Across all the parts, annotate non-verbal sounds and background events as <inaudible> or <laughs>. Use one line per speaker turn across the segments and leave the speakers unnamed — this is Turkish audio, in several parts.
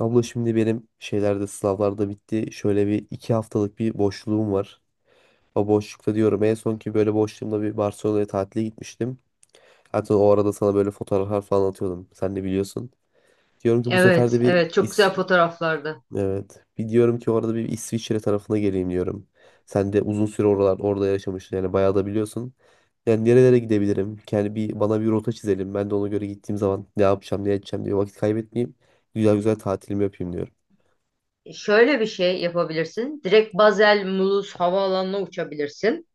Abla şimdi benim sınavlarda bitti. Şöyle bir iki haftalık bir boşluğum var. O boşlukta diyorum en son ki böyle boşluğumda bir Barcelona'ya tatile gitmiştim. Hatta o arada sana böyle fotoğraflar falan atıyordum. Sen de biliyorsun. Diyorum ki bu sefer
Evet,
de bir
evet, çok güzel
İs
fotoğraflardı.
Evet. Bir diyorum ki orada bir İsviçre tarafına geleyim diyorum. Sen de uzun süre orada yaşamıştın yani bayağı da biliyorsun. Yani nerelere gidebilirim? Yani bir bana bir rota çizelim. Ben de ona göre gittiğim zaman ne yapacağım, ne edeceğim diye vakit kaybetmeyeyim. Güzel güzel tatilimi yapayım diyorum.
Şöyle bir şey yapabilirsin. Direkt Basel Mulhouse havaalanına uçabilirsin.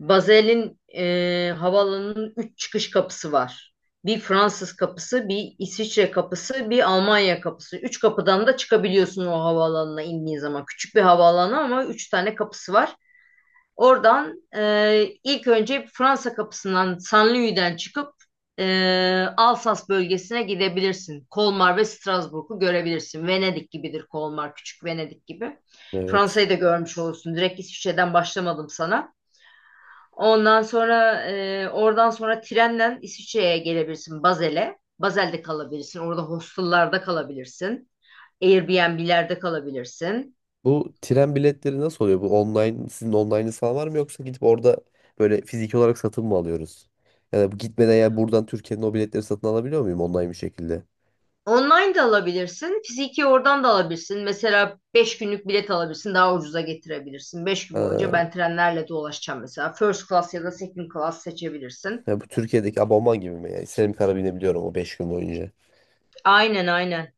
Basel'in havaalanının 3 çıkış kapısı var. Bir Fransız kapısı, bir İsviçre kapısı, bir Almanya kapısı. Üç kapıdan da çıkabiliyorsun o havaalanına indiğin zaman. Küçük bir havaalanı ama üç tane kapısı var. Oradan ilk önce Fransa kapısından Saint-Louis'den çıkıp Alsas bölgesine gidebilirsin. Kolmar ve Strasbourg'u görebilirsin. Venedik gibidir Kolmar, küçük Venedik gibi.
Evet.
Fransa'yı da görmüş olursun. Direkt İsviçre'den başlamadım sana. Ondan sonra oradan sonra trenle İsviçre'ye gelebilirsin Basel'e. Basel'de kalabilirsin. Orada hostellerde kalabilirsin. Airbnb'lerde kalabilirsin.
Bu tren biletleri nasıl oluyor? Bu online, sizin online'ınız falan var mı yoksa gidip orada böyle fiziki olarak satın mı alıyoruz? Ya da bu gitmeden ya buradan Türkiye'nin o biletleri satın alabiliyor muyum online bir şekilde?
Online de alabilirsin. Fiziki oradan da alabilirsin. Mesela 5 günlük bilet alabilirsin. Daha ucuza getirebilirsin. 5 gün boyunca
Ha,
ben trenlerle dolaşacağım mesela. First class ya da second class seçebilirsin.
ya bu Türkiye'deki abonman gibi mi? Yani istediğim kadar binebiliyorum o 5 gün boyunca.
Aynen, aynen.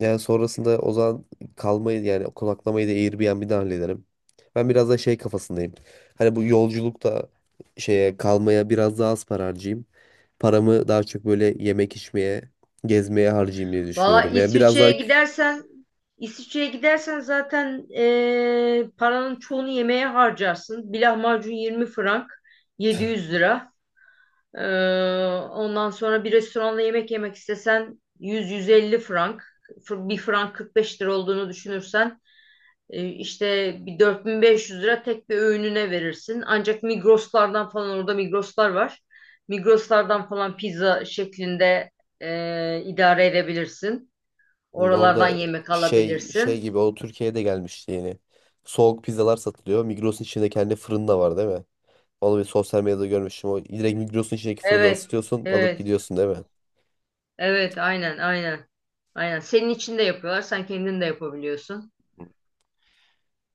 Yani sonrasında o zaman kalmayı yani konaklamayı da Airbnb'den hallederim. Ben biraz da şey kafasındayım. Hani bu yolculukta şeye kalmaya biraz daha az para harcayayım. Paramı daha çok böyle yemek içmeye gezmeye harcayayım diye
Valla
düşünüyorum. Yani biraz daha.
İsviçre'ye gidersen zaten paranın çoğunu yemeğe harcarsın. Bir lahmacun 20 frank, 700 lira. Eee, ondan sonra bir restoranda yemek yemek istesen 100-150 frank. Bir frank 45 lira olduğunu düşünürsen işte bir 4.500 lira tek bir öğününe verirsin. Ancak Migros'lardan falan orada Migros'lar var. Migros'lardan falan pizza şeklinde idare edebilirsin. Oralardan
Orada
yemek
şey
alabilirsin.
gibi o Türkiye'ye de gelmişti yeni. Soğuk pizzalar satılıyor. Migros'un içinde kendi fırın da var değil mi? Onu bir sosyal medyada görmüştüm. O direkt Migros'un içindeki fırında
Evet,
ısıtıyorsun, alıp
evet,
gidiyorsun değil mi?
evet, aynen, aynen. Aynen. Senin için de yapıyorlar. Sen kendin de yapabiliyorsun.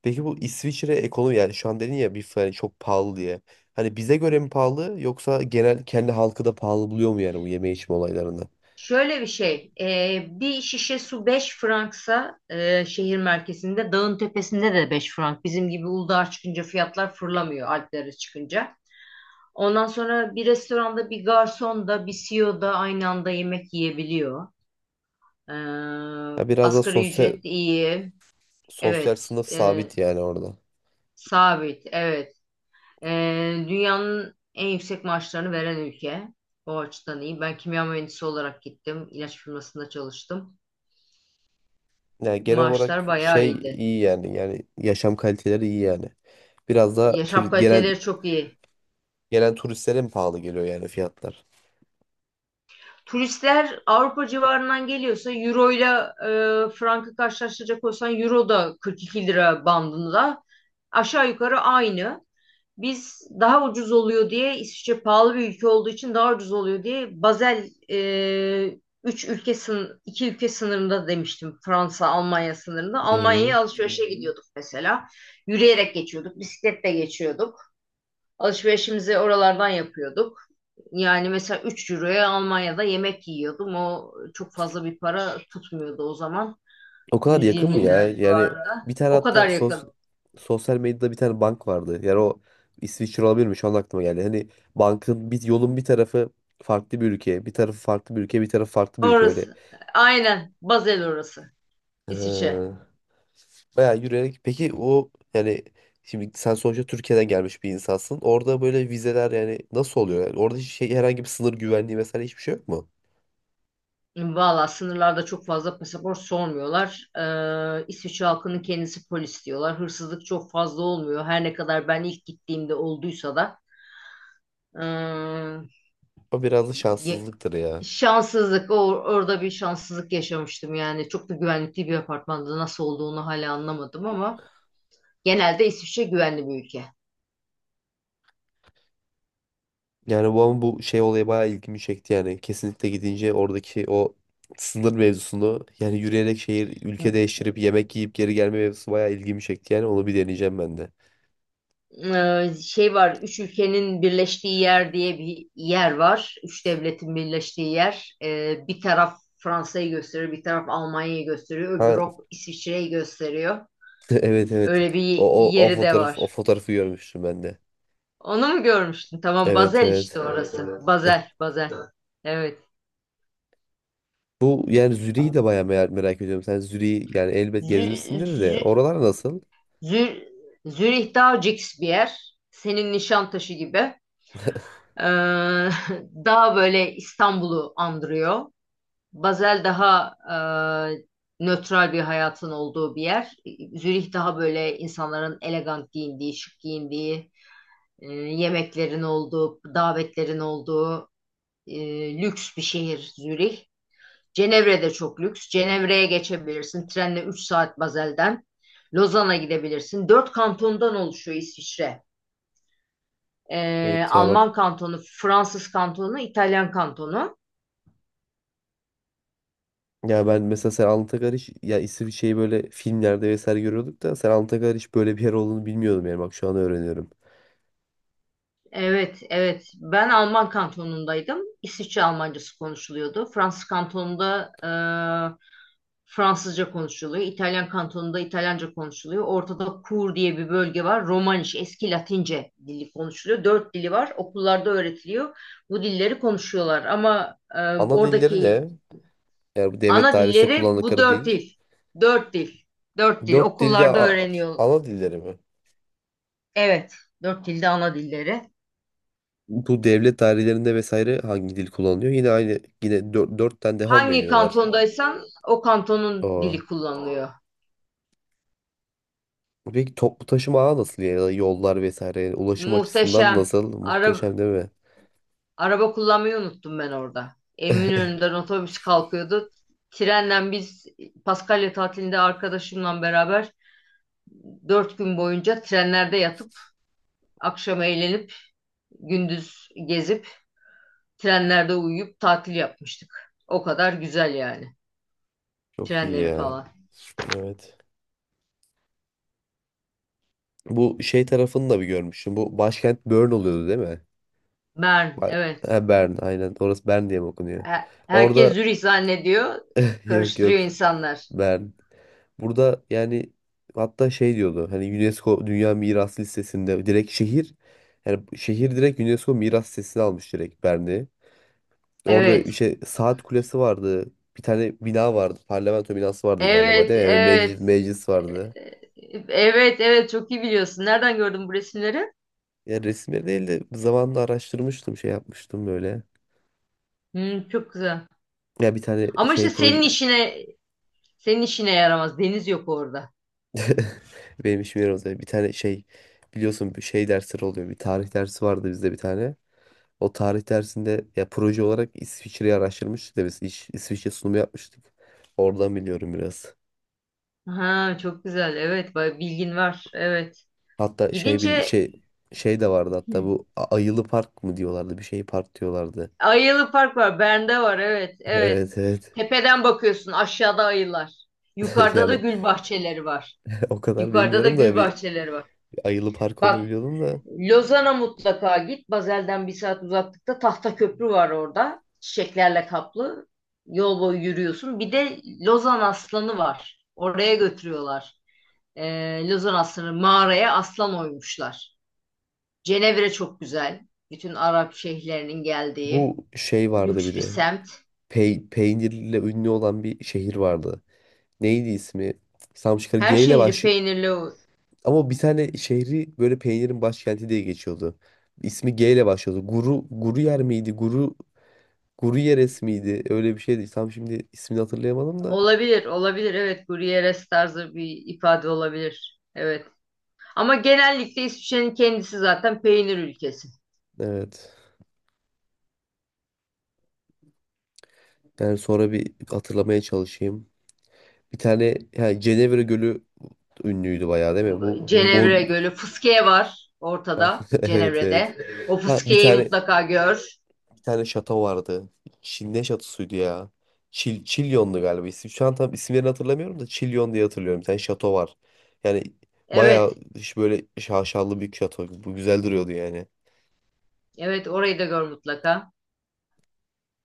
Peki bu İsviçre ekonomi yani şu an dedin ya bir falan çok pahalı diye. Hani bize göre mi pahalı yoksa genel kendi halkı da pahalı buluyor mu yani bu yeme içme olaylarını?
Şöyle bir şey, bir şişe su 5 franksa şehir merkezinde, dağın tepesinde de 5 frank. Bizim gibi Uludağ'a çıkınca fiyatlar fırlamıyor Alplere çıkınca. Ondan sonra bir restoranda bir garson da bir CEO da aynı anda yemek yiyebiliyor. Ee,
Ya biraz da
asgari
sosyal
ücret iyi.
sosyal
Evet.
sınıf
e,
sabit yani orada.
sabit. Evet. Dünyanın en yüksek maaşlarını veren ülke. O açıdan iyi. Ben kimya mühendisi olarak gittim. İlaç firmasında çalıştım.
Yani genel olarak
Maaşlar bayağı
şey
iyiydi.
iyi yani yaşam kaliteleri iyi yani. Biraz da
Yaşam
genel.
kaliteleri çok iyi.
Gelen turistlere mi pahalı geliyor yani fiyatlar?
Turistler Avrupa civarından geliyorsa euro ile frankı karşılaştıracak olsan euro da 42 lira bandında aşağı yukarı aynı. Biz daha ucuz oluyor diye, İsviçre pahalı bir ülke olduğu için daha ucuz oluyor diye Basel 3 ülke sın 2 ülke sınırında demiştim, Fransa Almanya sınırında.
Hı hı.
Almanya'ya alışverişe gidiyorduk mesela. Yürüyerek geçiyorduk, bisikletle geçiyorduk. Alışverişimizi oralardan yapıyorduk. Yani mesela 3 euroya Almanya'da yemek yiyordum. O çok fazla bir para tutmuyordu o zaman.
O kadar yakın mı
120
ya?
lira
Yani
civarında.
bir tane
O kadar
hatta
yakın.
sosyal medyada bir tane bank vardı. Yani o İsviçre olabilir mi? Şu an aklıma geldi. Hani bankın bir yolun bir tarafı farklı bir ülke, bir tarafı farklı bir ülke, bir tarafı farklı bir ülke böyle.
Orası. Aynen. Basel orası. İsviçre.
Ha. Bayağı yürüyerek. Peki o yani şimdi sen sonuçta Türkiye'den gelmiş bir insansın. Orada böyle vizeler yani nasıl oluyor? Yani orada hiç şey herhangi bir sınır güvenliği vesaire hiçbir şey yok mu?
Valla sınırlarda çok fazla pasaport sormuyorlar. İsviçre halkının kendisi polis diyorlar. Hırsızlık çok fazla olmuyor. Her ne kadar ben ilk gittiğimde olduysa da.
O biraz da
Ee,
şanssızlıktır ya.
Şanssızlık. Orada bir şanssızlık yaşamıştım yani. Çok da güvenlikli bir apartmanda nasıl olduğunu hala anlamadım ama genelde İsviçre güvenli bir ülke.
Yani bu ama bu şey olayı bayağı ilgimi çekti yani. Kesinlikle gidince oradaki o sınır mevzusunu yani yürüyerek şehir ülke değiştirip yemek yiyip geri gelme mevzusu bayağı ilgimi çekti yani onu bir deneyeceğim ben de.
Şey var, üç ülkenin birleştiği yer diye bir yer var. Üç devletin birleştiği yer. Bir taraf Fransa'yı gösteriyor, bir taraf Almanya'yı gösteriyor, öbürü
Ha
hop İsviçre'yi gösteriyor.
<laughs> evet, evet.
Öyle bir
O
yeri de var.
fotoğrafı görmüştüm ben de.
Onu mu görmüştün? Tamam,
Evet,
Basel
evet.
işte. Evet, orası. Evet. Basel, Basel.
Bu yani Zürich'i de bayağı merak ediyorum. Sen Zürich'i yani elbet
Evet.
gezmişsindir de oralar nasıl?
Zür Zürih daha cix bir yer. Senin Nişantaşı gibi, <laughs> daha böyle İstanbul'u andırıyor. Basel daha nötral bir hayatın olduğu bir yer. Zürih daha böyle insanların elegant giyindiği, şık giyindiği, yemeklerin olduğu, davetlerin olduğu, e, lüks bir şehir Zürih. Cenevre de çok lüks. Cenevre'ye geçebilirsin. Trenle 3 saat Basel'den. Lozan'a gidebilirsin. Dört kantondan oluşuyor İsviçre.
Evet ya bak
Alman kantonu, Fransız kantonu, İtalyan kantonu.
ya ben mesela sen Anıtakar hiç ya isim şeyi böyle filmlerde vesaire görüyorduk da sen Anıtakar hiç böyle bir yer olduğunu bilmiyordum yani bak şu an öğreniyorum.
Evet, evet. Ben Alman kantonundaydım. İsviçre Almancası konuşuluyordu. Fransız kantonunda Fransızca konuşuluyor. İtalyan kantonunda İtalyanca konuşuluyor. Ortada Kur diye bir bölge var. Romaniş, eski Latince dili konuşuluyor. Dört dili var. Okullarda öğretiliyor. Bu dilleri konuşuyorlar. Ama
Ana dilleri
oradaki
ne? Yani bu devlet
ana
dairesinde
dilleri bu
kullandıkları
dört
dil.
dil. Dört dil. Dört dil.
Dört dilde
Okullarda öğreniyor.
ana dilleri mi?
Evet, dört dilde ana dilleri.
Bu devlet dairelerinde vesaire hangi dil kullanılıyor? Yine aynı yine dörtten devam mı
Hangi
ediyorlar?
kantondaysan o kantonun dili kullanılıyor.
Peki toplu taşıma ağı nasıl ya? Da yollar vesaire yani ulaşım açısından
Muhteşem.
nasıl?
Araba,
Muhteşem değil mi?
araba kullanmayı unuttum ben orada. Eminönü'nden otobüs kalkıyordu. Trenle biz Paskalya tatilinde arkadaşımla beraber 4 gün boyunca trenlerde yatıp akşam eğlenip gündüz gezip trenlerde uyuyup tatil yapmıştık. O kadar güzel yani.
Çok iyi
Trenleri
ya.
falan.
Evet. Bu şey tarafını da bir görmüştüm. Bu başkent Bern oluyordu değil mi?
Bern,
Ba-
evet.
Ha, Bern aynen. Orası Bern diye mi okunuyor?
Herkes
Orada
Zürih zannediyor.
<laughs> yok,
Karıştırıyor
yok,
insanlar.
Bern. Burada yani hatta şey diyordu hani UNESCO Dünya Miras Listesi'nde direkt şehir yani şehir direkt UNESCO Miras Listesi'ne almış direkt Bern'i. Orada
Evet.
işte saat kulesi vardı. Bir tane bina vardı. Parlamento binası vardı galiba
Evet,
değil mi? Yani meclis,
evet.
meclis
Ee,
vardı.
Evet, evet, çok iyi biliyorsun. Nereden gördün bu resimleri?
Ya resimleri değil de zamanla araştırmıştım şey yapmıştım böyle.
Hmm, çok güzel.
Ya bir tane
Ama işte
şey proje
senin işine yaramaz. Deniz yok orada.
<laughs> benim işim yerimiz. Bir tane şey, biliyorsun, bir şey dersleri oluyor. Bir tarih dersi vardı bizde bir tane. O tarih dersinde ya proje olarak İsviçre'yi araştırmıştık da biz İsviçre sunumu yapmıştık. Oradan biliyorum biraz.
Ha, çok güzel. Evet, bilgin var. Evet.
Hatta şey
Gidince.
şey de vardı hatta
Hı.
bu Ayılı Park mı diyorlardı, bir şey park diyorlardı.
Ayılı Park var. Bern'de var. Evet, evet.
Evet, evet.
Tepeden bakıyorsun. Aşağıda ayılar.
<laughs>
Yukarıda da
Yani
gül bahçeleri var.
<laughs> o kadar
Yukarıda da
bilmiyorum
gül
da bir
bahçeleri var.
Ayılı Park olduğunu
Bak,
biliyordum da.
Lozan'a mutlaka git. Bazel'den bir saat uzaklıkta tahta köprü var orada. Çiçeklerle kaplı. Yol boyu yürüyorsun. Bir de Lozan aslanı var. Oraya götürüyorlar. Lozan aslanı mağaraya aslan oymuşlar. Cenevre çok güzel. Bütün Arap şehirlerinin geldiği
Bu şey vardı bir
lüks bir
de.
semt.
Peynirle ünlü olan bir şehir vardı. Neydi ismi? Samşıkır
Her
G ile
şehri
baş,
peynirli.
ama bir tane şehri böyle peynirin başkenti diye geçiyordu. İsmi G ile başlıyordu. Guru Guru yer miydi? Guru Guru Yeres miydi? Öyle bir şeydi. Tam şimdi ismini hatırlayamadım da.
Olabilir, olabilir. Evet, Gruyères tarzı bir ifade olabilir. Evet. Ama genellikle İsviçre'nin kendisi zaten peynir ülkesi.
Evet. Yani sonra bir hatırlamaya çalışayım. Bir tane yani Cenevre Gölü ünlüydü bayağı değil mi? Bu
Cenevre Gölü. Fıskiye var ortada
<laughs> evet, evet.
Cenevre'de. Evet. O
Ha bir
Fıskiye'yi
tane
mutlaka gör.
bir tane şato vardı. Çin ne şatosuydu ya? Çilyon'du galiba isim. Şu an tam isimlerini hatırlamıyorum da Çilyon diye hatırlıyorum. Bir tane şato var. Yani bayağı
Evet.
iş böyle şaşalı bir şato. Bu güzel duruyordu yani.
Evet, orayı da gör mutlaka.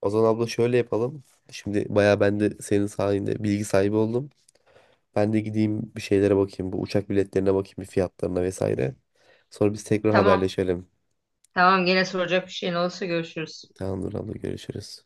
O zaman abla şöyle yapalım. Şimdi bayağı ben de senin sayende bilgi sahibi oldum. Ben de gideyim bir şeylere bakayım. Bu uçak biletlerine bakayım bir fiyatlarına vesaire. Sonra biz tekrar
Tamam.
haberleşelim.
Tamam, gene soracak bir şeyin olursa görüşürüz.
Tamamdır abla, görüşürüz.